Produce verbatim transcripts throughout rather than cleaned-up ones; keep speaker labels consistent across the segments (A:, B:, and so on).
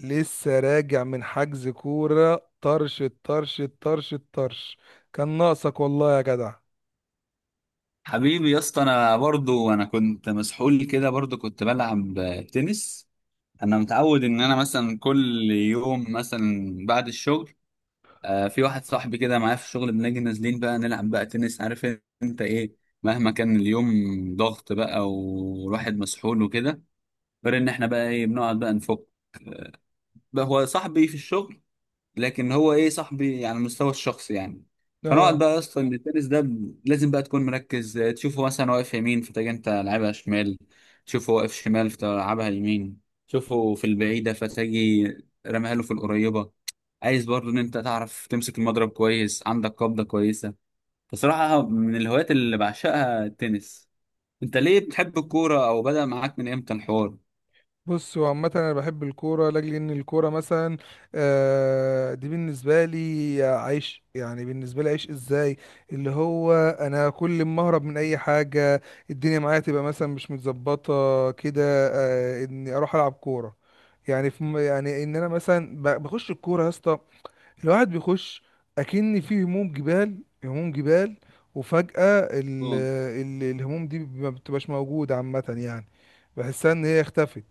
A: لسه راجع من حجز كورة طرش الطرش الطرش الطرش. كان ناقصك والله يا جدع.
B: حبيبي يا اسطى، انا برضو انا كنت مسحول كده برضو كنت بلعب تنس. انا متعود ان انا مثلا كل يوم مثلا بعد الشغل، آه، في واحد صاحبي كده معايا في الشغل بنيجي نازلين بقى نلعب بقى تنس. عارف انت ايه، مهما كان اليوم ضغط بقى والواحد مسحول وكده، غير ان احنا بقى ايه بنقعد بقى نفك. بقى هو صاحبي في الشغل، لكن هو ايه صاحبي يعني على المستوى الشخصي يعني. فنقعد
A: اه،
B: بقى يا اسطى إن التنس ده ب- لازم بقى تكون مركز. آه، تشوفه مثلا واقف يمين فتجي انت لعبها شمال، تشوفه واقف شمال فتلعبها يمين، تشوفه في البعيدة فتجي رميها له في القريبة. عايز برضه ان انت تعرف تمسك المضرب كويس، عندك قبضة كويسة. بصراحة من الهوايات اللي بعشقها التنس. انت ليه بتحب الكورة، او بدأ معاك من امتى الحوار؟
A: بص، هو عامة أنا بحب الكورة لأجل إن الكورة مثلا آه دي بالنسبة لي عيش، يعني بالنسبة لي عيش. إزاي؟ اللي هو أنا كل ما أهرب من أي حاجة، الدنيا معايا تبقى مثلا مش متظبطة كده، آه إني أروح ألعب كورة. يعني في م- يعني إن أنا مثلا ب- بخش الكورة يا اسطى، الواحد بيخش اكن فيه هموم جبال، هموم جبال. وفجأة ال
B: آه.
A: ال الهموم دي ما بتبقاش موجودة عامة، يعني بحسها ان هي اختفت.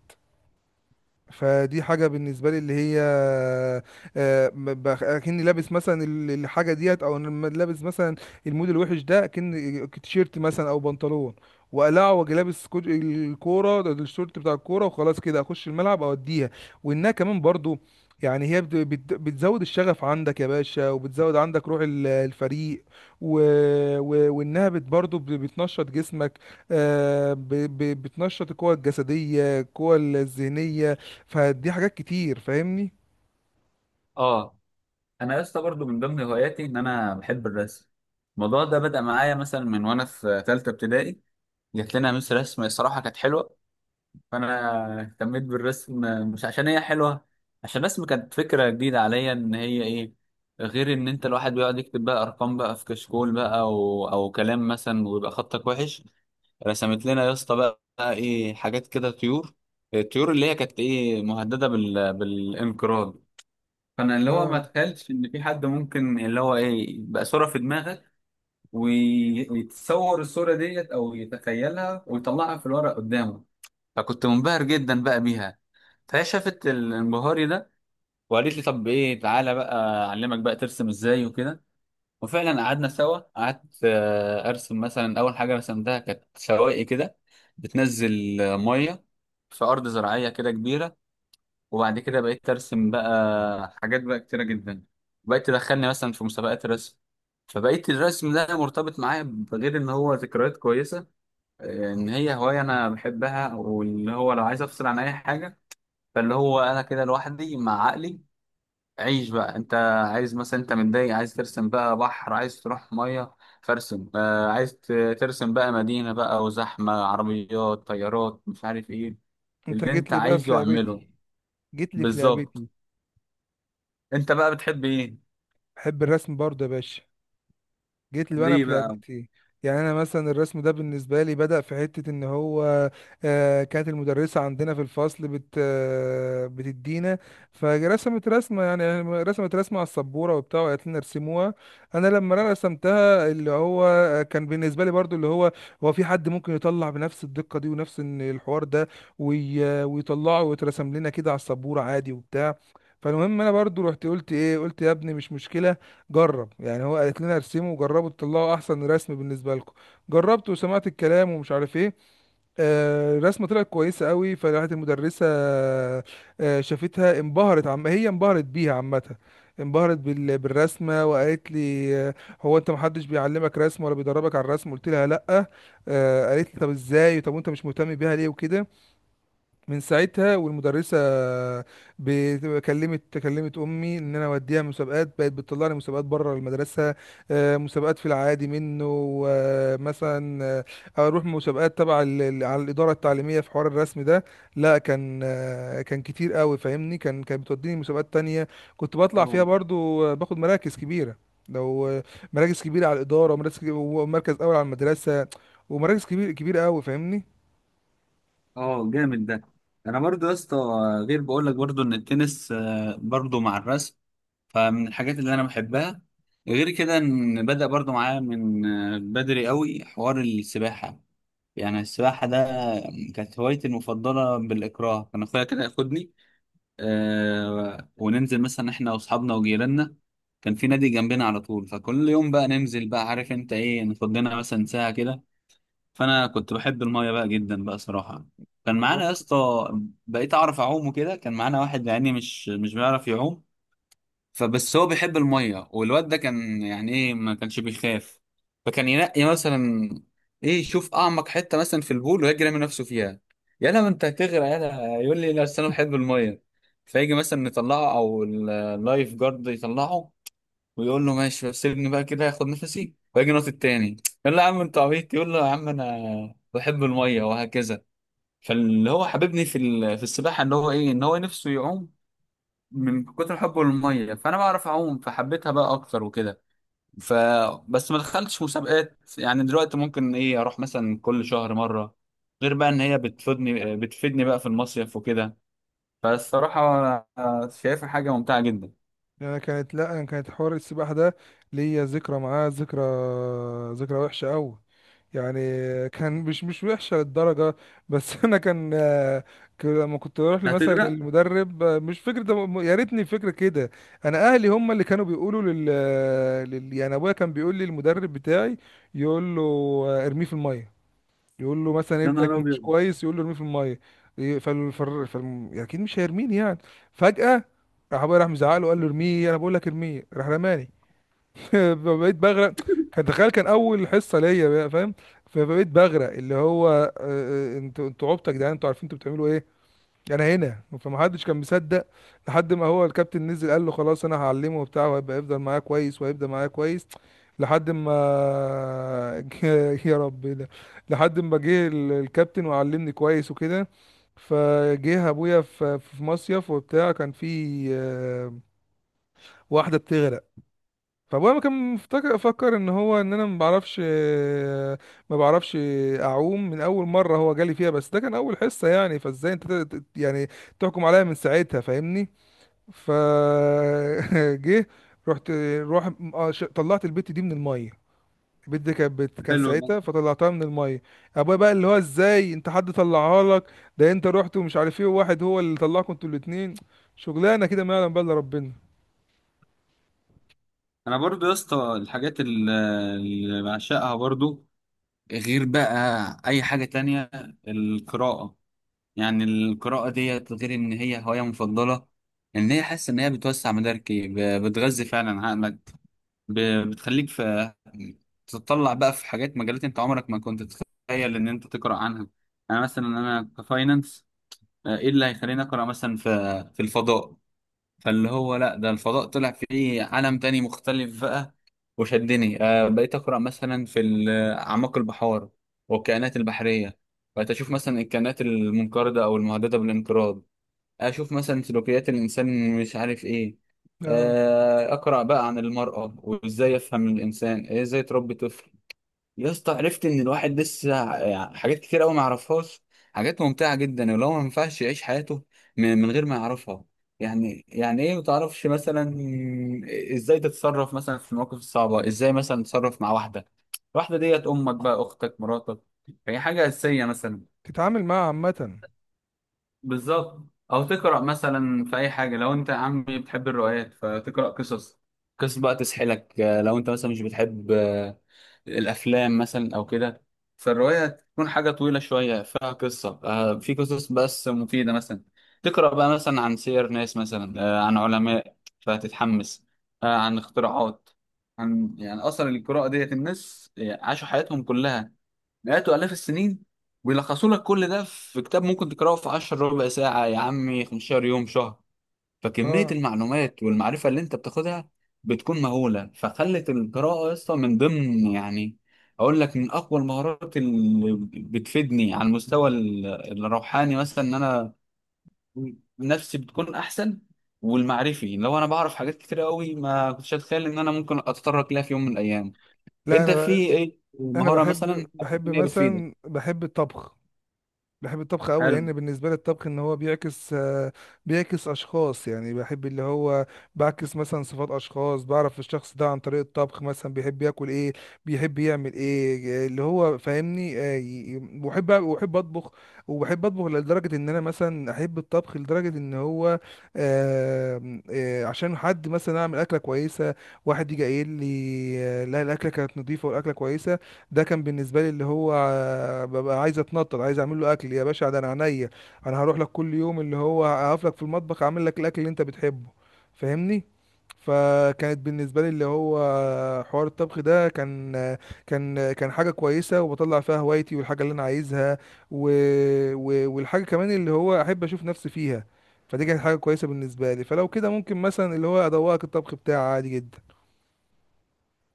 A: فدي حاجة بالنسبة لي اللي هي آه، ب- ب- اكني لابس مثلا ال- الحاجة ديت. او أنا لما لابس مثلا المود الوحش ده، اكن تيشيرت مثلا او بنطلون، وقلع واجي لابس كوج- الكورة ده- ده الشورت بتاع الكورة، وخلاص كده اخش الملعب اوديها. وانها كمان برضو، يعني هي بت- بت- بتزود الشغف عندك يا باشا، وبتزود عندك روح ال- الفريق و... و... وانها بت برضو ب- بتنشط جسمك. آه، ب... ب- بتنشط القوة الجسدية، القوة الذهنية. فدي حاجات كتير، فاهمني؟
B: اه، انا يا اسطى برضه من ضمن هواياتي ان انا بحب الرسم. الموضوع ده بدأ معايا مثلا من وانا في ثالثه ابتدائي. جات لنا مس رسم الصراحه كانت حلوه، فانا اهتميت بالرسم. مش عشان هي حلوه، عشان الرسم كانت فكره جديده عليا، ان هي ايه غير ان انت الواحد بيقعد يكتب بقى ارقام بقى في كشكول بقى او او كلام مثلا ويبقى خطك وحش. رسمت لنا يا اسطى بقى ايه حاجات كده طيور، الطيور اللي هي كانت ايه مهدده بال... بالانقراض. فانا اللي هو ما
A: اه.
B: اتخيلتش ان في حد ممكن اللي هو ايه يبقى صوره في دماغك وي- ويتصور الصوره ديت او يتخيلها ويطلعها في الورق قدامه. فكنت منبهر جدا بقى بيها، فهي شافت الانبهاري ده وقالت لي طب ايه، تعالى بقى اعلمك بقى ترسم ازاي وكده. وفعلا قعدنا سوا، قعدت آه، ارسم مثلا اول حاجه رسمتها كانت شواقي كده بتنزل آه، ميه في ارض زراعيه كده كبيره. وبعد كده بقيت ارسم بقى حاجات بقى كتيره جدا، بقيت تدخلني مثلا في مسابقات رسم. فبقيت الرسم ده مرتبط معايا بغير ان هو ذكريات كويسه، آه، ان هي هوايه انا بحبها، واللي هو لو عايز افصل عن اي حاجه، فاللي هو انا كده لوحدي مع عقلي. عيش بقى انت، عايز مثلا انت متضايق عايز ترسم بقى بحر، عايز تروح ميه فارسم. آه عايز ت- ترسم بقى مدينه بقى وزحمه عربيات طيارات مش عارف ايه،
A: انت
B: اللي
A: جيت
B: انت
A: لي بقى في
B: عايزه اعمله.
A: لعبتي، جيت لي في
B: بالظبط.
A: لعبتي.
B: انت بقى بتحب ايه؟
A: بحب الرسم برضه يا باشا، جيت لي انا
B: ليه
A: في
B: بقى؟
A: لعبتي. يعني انا مثلا الرسم ده بالنسبه لي بدأ في حته ان هو آه، كانت المدرسه عندنا في الفصل بت آه، بتدينا، فرسمت رسمه. يعني رسمت رسمه على السبوره وبتاع، وقالت لنا ارسموها. انا لما انا رسمتها اللي هو آه، كان بالنسبه لي برضو اللي هو هو في حد ممكن يطلع بنفس الدقه دي ونفس إن الحوار ده وي- آه، ويطلعه ويترسم لنا كده على السبوره عادي وبتاع. فالمهم انا برضو رحت قلت ايه، قلت يا ابني مش مشكله، جرب، يعني هو قالت لنا ارسموا وجربوا تطلعوا احسن رسم بالنسبه لكم. جربت وسمعت الكلام ومش عارف ايه. آه الرسمه طلعت كويسه قوي، فراحت المدرسه آه شافتها، انبهرت، عم هي انبهرت بيها عامه. انبهرت بال... بالرسمه، وقالت لي آه، هو انت محدش بيعلمك رسم ولا بيدربك على الرسم؟ قلت لها لا. آه قالت لي طب ازاي؟ طب وانت مش مهتم بيها ليه، وكده. من ساعتها والمدرسه بت- كلمت كلمت امي ان انا اوديها مسابقات، بقت بتطلعني مسابقات بره المدرسه، آه، مسابقات في العادي منه، ومثلا آه، اروح مسابقات تبع ال- ال- على الاداره التعليميه في حوار الرسم ده. لا كان آه، كان كتير قوي، فاهمني؟ كان كانت بتوديني مسابقات تانية، كنت بطلع فيها
B: اه.
A: برضو، آه، باخد مراكز كبيره. لو آه، مراكز كبيره على الاداره، ومراكز ومركز اول على المدرسه، ومراكز كبير كبيره قوي، فاهمني؟
B: اه جامد ده. انا برضو يا اسطى، غير بقول لك برضو ان التنس آه، برضو مع الرسم فمن الحاجات اللي انا بحبها. غير كده ان بدأ برضو معايا من آه، بدري قوي حوار السباحة. يعني السباحة ده كانت هوايتي المفضلة بالإكراه، كان أخويا كده ياخدني آه وننزل مثلا إحنا وأصحابنا وجيراننا. كان في نادي جنبنا على طول، فكل يوم بقى ننزل بقى عارف أنت إيه ناخد لنا مثلا ساعة كده. فانا كنت بحب المايه بقى جدا بقى صراحه. كان معانا يا اسطى، بقيت اعرف اعوم وكده، كان معانا واحد يعني مش مش بيعرف يعوم، فبس هو بيحب المايه. والواد ده كان يعني ايه ما كانش بيخاف، فكان ينقي مثلا ايه يشوف اعمق حته مثلا في البول ويجري من نفسه فيها. يلا ما انت هتغرق، يلا يقول لي لا أصل انا بحب المايه. فيجي مثلا نطلعه او ال- اللايف جارد يطلعه، ويقول له ماشي بس سيبني بقى كده اخد نفسي واجي نط التاني. يقول له يا عم انت عبيط، يقول له يا عم انا بحب الميه، وهكذا. فاللي هو حببني في ال- في السباحه ان هو ايه ان هو نفسه يعوم، من كتر حبه للميه، فانا بعرف اعوم فحبيتها بقى اكتر وكده. ف بس ما دخلتش مسابقات، يعني دلوقتي ممكن ايه اروح مثلا كل شهر مره. غير بقى ان هي بتفيدني بتفيدني بقى في المصيف وكده. فالصراحه آه، شايفها حاجه ممتعه جدا.
A: يعني انا كانت لا انا كانت حوار السباحه ده ليا ذكرى معاه، ذكرى ذكرى وحشه قوي. يعني كان مش مش وحشه للدرجه، بس انا كان آه، ك- لما كنت اروح
B: ده
A: مثلا
B: هتغرق؟
A: للمدرب، آه، مش فكره ده م- يا ريتني فكره كده. انا اهلي هم اللي كانوا بيقولوا لل, لل... يعني ابويا كان بيقول لي المدرب بتاعي، يقول له آه، ارميه في الميه. يقول له مثلا
B: يا
A: ابنك
B: نهار
A: مش
B: أبيض.
A: كويس، يقول له ارميه في الميه. إيه، فال فال فال- يعني اكيد مش هيرميني يعني. فجأة راح ابويا، راح مزعق له، قال له ارميه، انا بقول لك ارميه. راح رماني. فبقيت بغرق، كان تخيل، كان اول حصة ليا بقى، فاهم؟ فبقيت بغرق، اللي هو آه، آه، انتوا انتوا عبطة يا جدعان، انتوا عارفين انتوا بتعملوا ايه؟ انا هنا، فمحدش كان مصدق. لحد ما هو الكابتن نزل، قال له خلاص انا هعلمه وبتاع، وهيبقى يفضل معايا كويس وهيبقى معايا كويس. لحد ما يا رب إيه ده. لحد ما جه ال- الكابتن وعلمني كويس وكده. فجه ابويا في في مصيف وبتاع، كان في آه، واحده بتغرق. فابويا كان مفتكر، فكر ان هو ان انا ما بعرفش، ما بعرفش اعوم من اول مره هو جالي فيها، بس ده كان اول حصه يعني، فازاي انت ت- ت- يعني تحكم عليا من ساعتها، فاهمني؟ ف جه، رحت روح، آه، ش- طلعت البت دي من الميه. البت دي كانت بت- كان
B: حلو ده.
A: ساعتها، فطلعتها من الميه. ابويا بقى اللي هو ازاي انت؟ حد طلعها لك؟ ده انت رحت ومش عارف ايه، وواحد هو اللي طلعكم انتوا الاتنين؟ شغلانه كده ما يعلم بقى الا ربنا.
B: انا برضو يا اسطى الحاجات ال- اللي بعشقها برضو، غير بقى اي حاجة تانية، القراءة. يعني القراءة ديت غير ان هي هواية مفضلة، ان هي حاسس ان هي بتوسع مداركي، ب- بتغذي فعلا عقلك، ب- بتخليك في تطلع بقى في حاجات، مجالات انت عمرك ما كنت تتخيل ان انت تقرا عنها. انا مثلا انا كفاينانس، ايه اللي هيخليني اقرا مثلا في في الفضاء؟ فاللي هو لا، ده الفضاء طلع فيه عالم تاني مختلف بقى وشدني. آه بقيت أقرأ مثلا في ال- أعماق البحار والكائنات البحرية، بقيت أشوف مثلا الكائنات المنقرضة أو المهددة بالانقراض، أشوف مثلا سلوكيات الإنسان مش عارف إيه.
A: اه،
B: آه أقرأ بقى عن المرأة وإزاي أفهم الإنسان، إزاي تربي طفل. يا اسطى، عرفت ان الواحد لسه يعني حاجات كتير قوي ما يعرفهاش، حاجات ممتعه جدا ولو ما ينفعش يعيش حياته من من غير ما يعرفها. يعني يعني ايه ما تعرفش مثلا ازاي تتصرف مثلا في المواقف الصعبه، ازاي مثلا تتصرف مع واحده، واحده ديت امك بقى، اختك، مراتك. هي حاجه اساسيه مثلا.
A: تتعامل معاها عامه.
B: بالظبط. او تقرا مثلا في اي حاجه، لو انت يا عمي بتحب الروايات فتقرا قصص، قصص بقى تسحلك. آه، لو انت مثلا مش بتحب آه، الافلام مثلا او كده، فالروايه تكون حاجه طويله شويه فيها قصه. آه، في قصص بس مفيده مثلا، تقرا بقى مثلا عن سير ناس مثلا، آه، عن علماء فتتحمس، آه، عن اختراعات. عن يعني اصلا القراءه ديت، الناس عاشوا حياتهم كلها مئات وآلاف السنين ويلخصوا لك كل ده في كتاب ممكن تقراه في عشرة ربع ساعة، يا عمي خمستاشر يوم، شهر. فكمية
A: اه،
B: المعلومات والمعرفة اللي انت بتاخدها بتكون مهولة، فخلت القراءة اصلا من ضمن يعني، اقول لك، من اقوى المهارات اللي بتفيدني على المستوى ال- الروحاني مثلا، ان انا نفسي بتكون احسن، والمعرفي لو انا بعرف حاجات كتير قوي ما كنتش اتخيل ان انا ممكن اتطرق لها في يوم من الايام.
A: لا،
B: انت
A: انا
B: في
A: ب...
B: ايه
A: انا
B: مهارة مثلا
A: بحب، بحب
B: إن هي بتفيدك؟
A: مثلا بحب الطبخ. بحب الطبخ قوي،
B: حلو.
A: لان بالنسبه لي الطبخ ان هو بيعكس آه، بيعكس اشخاص، يعني بحب اللي هو بعكس مثلا صفات اشخاص. بعرف الشخص ده عن طريق الطبخ، مثلا بيحب ياكل ايه، بيحب يعمل ايه، اللي هو فاهمني. آه، ي- ي- وبحب وبحب اطبخ. وبحب اطبخ لدرجه ان انا مثلا احب الطبخ لدرجه ان هو آه، آه، عشان حد مثلا اعمل اكله كويسه، واحد يجي قايل لي آه، لا الاكله كانت نظيفه والاكله كويسه. ده كان بالنسبه لي اللي هو آه، ببقى عايز اتنطط، عايز اعمل له اكل يا باشا، ده انا عينيا. انا هروح لك كل يوم، اللي هو هقف لك في المطبخ اعمل لك الاكل اللي انت بتحبه، فاهمني؟ فكانت بالنسبه لي اللي هو آه، حوار الطبخ ده كان آه، كان آه، كان حاجه كويسه، وبطلع فيها هوايتي والحاجه اللي انا عايزها و... و... والحاجه كمان اللي هو احب اشوف نفسي فيها. فدي كانت حاجه كويسه بالنسبه لي، فلو كده ممكن مثلا اللي هو ادوقك الطبخ بتاعي عادي جدا.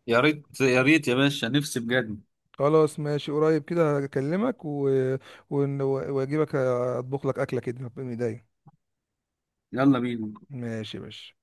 B: يا ريت يا ريت يا باشا، نفسي بجد.
A: خلاص ماشي، قريب كده هكلمك و... ون- واجيبك اطبخ لك اكله كده من ايديا.
B: يلا بينا.
A: ماشي يا باشا.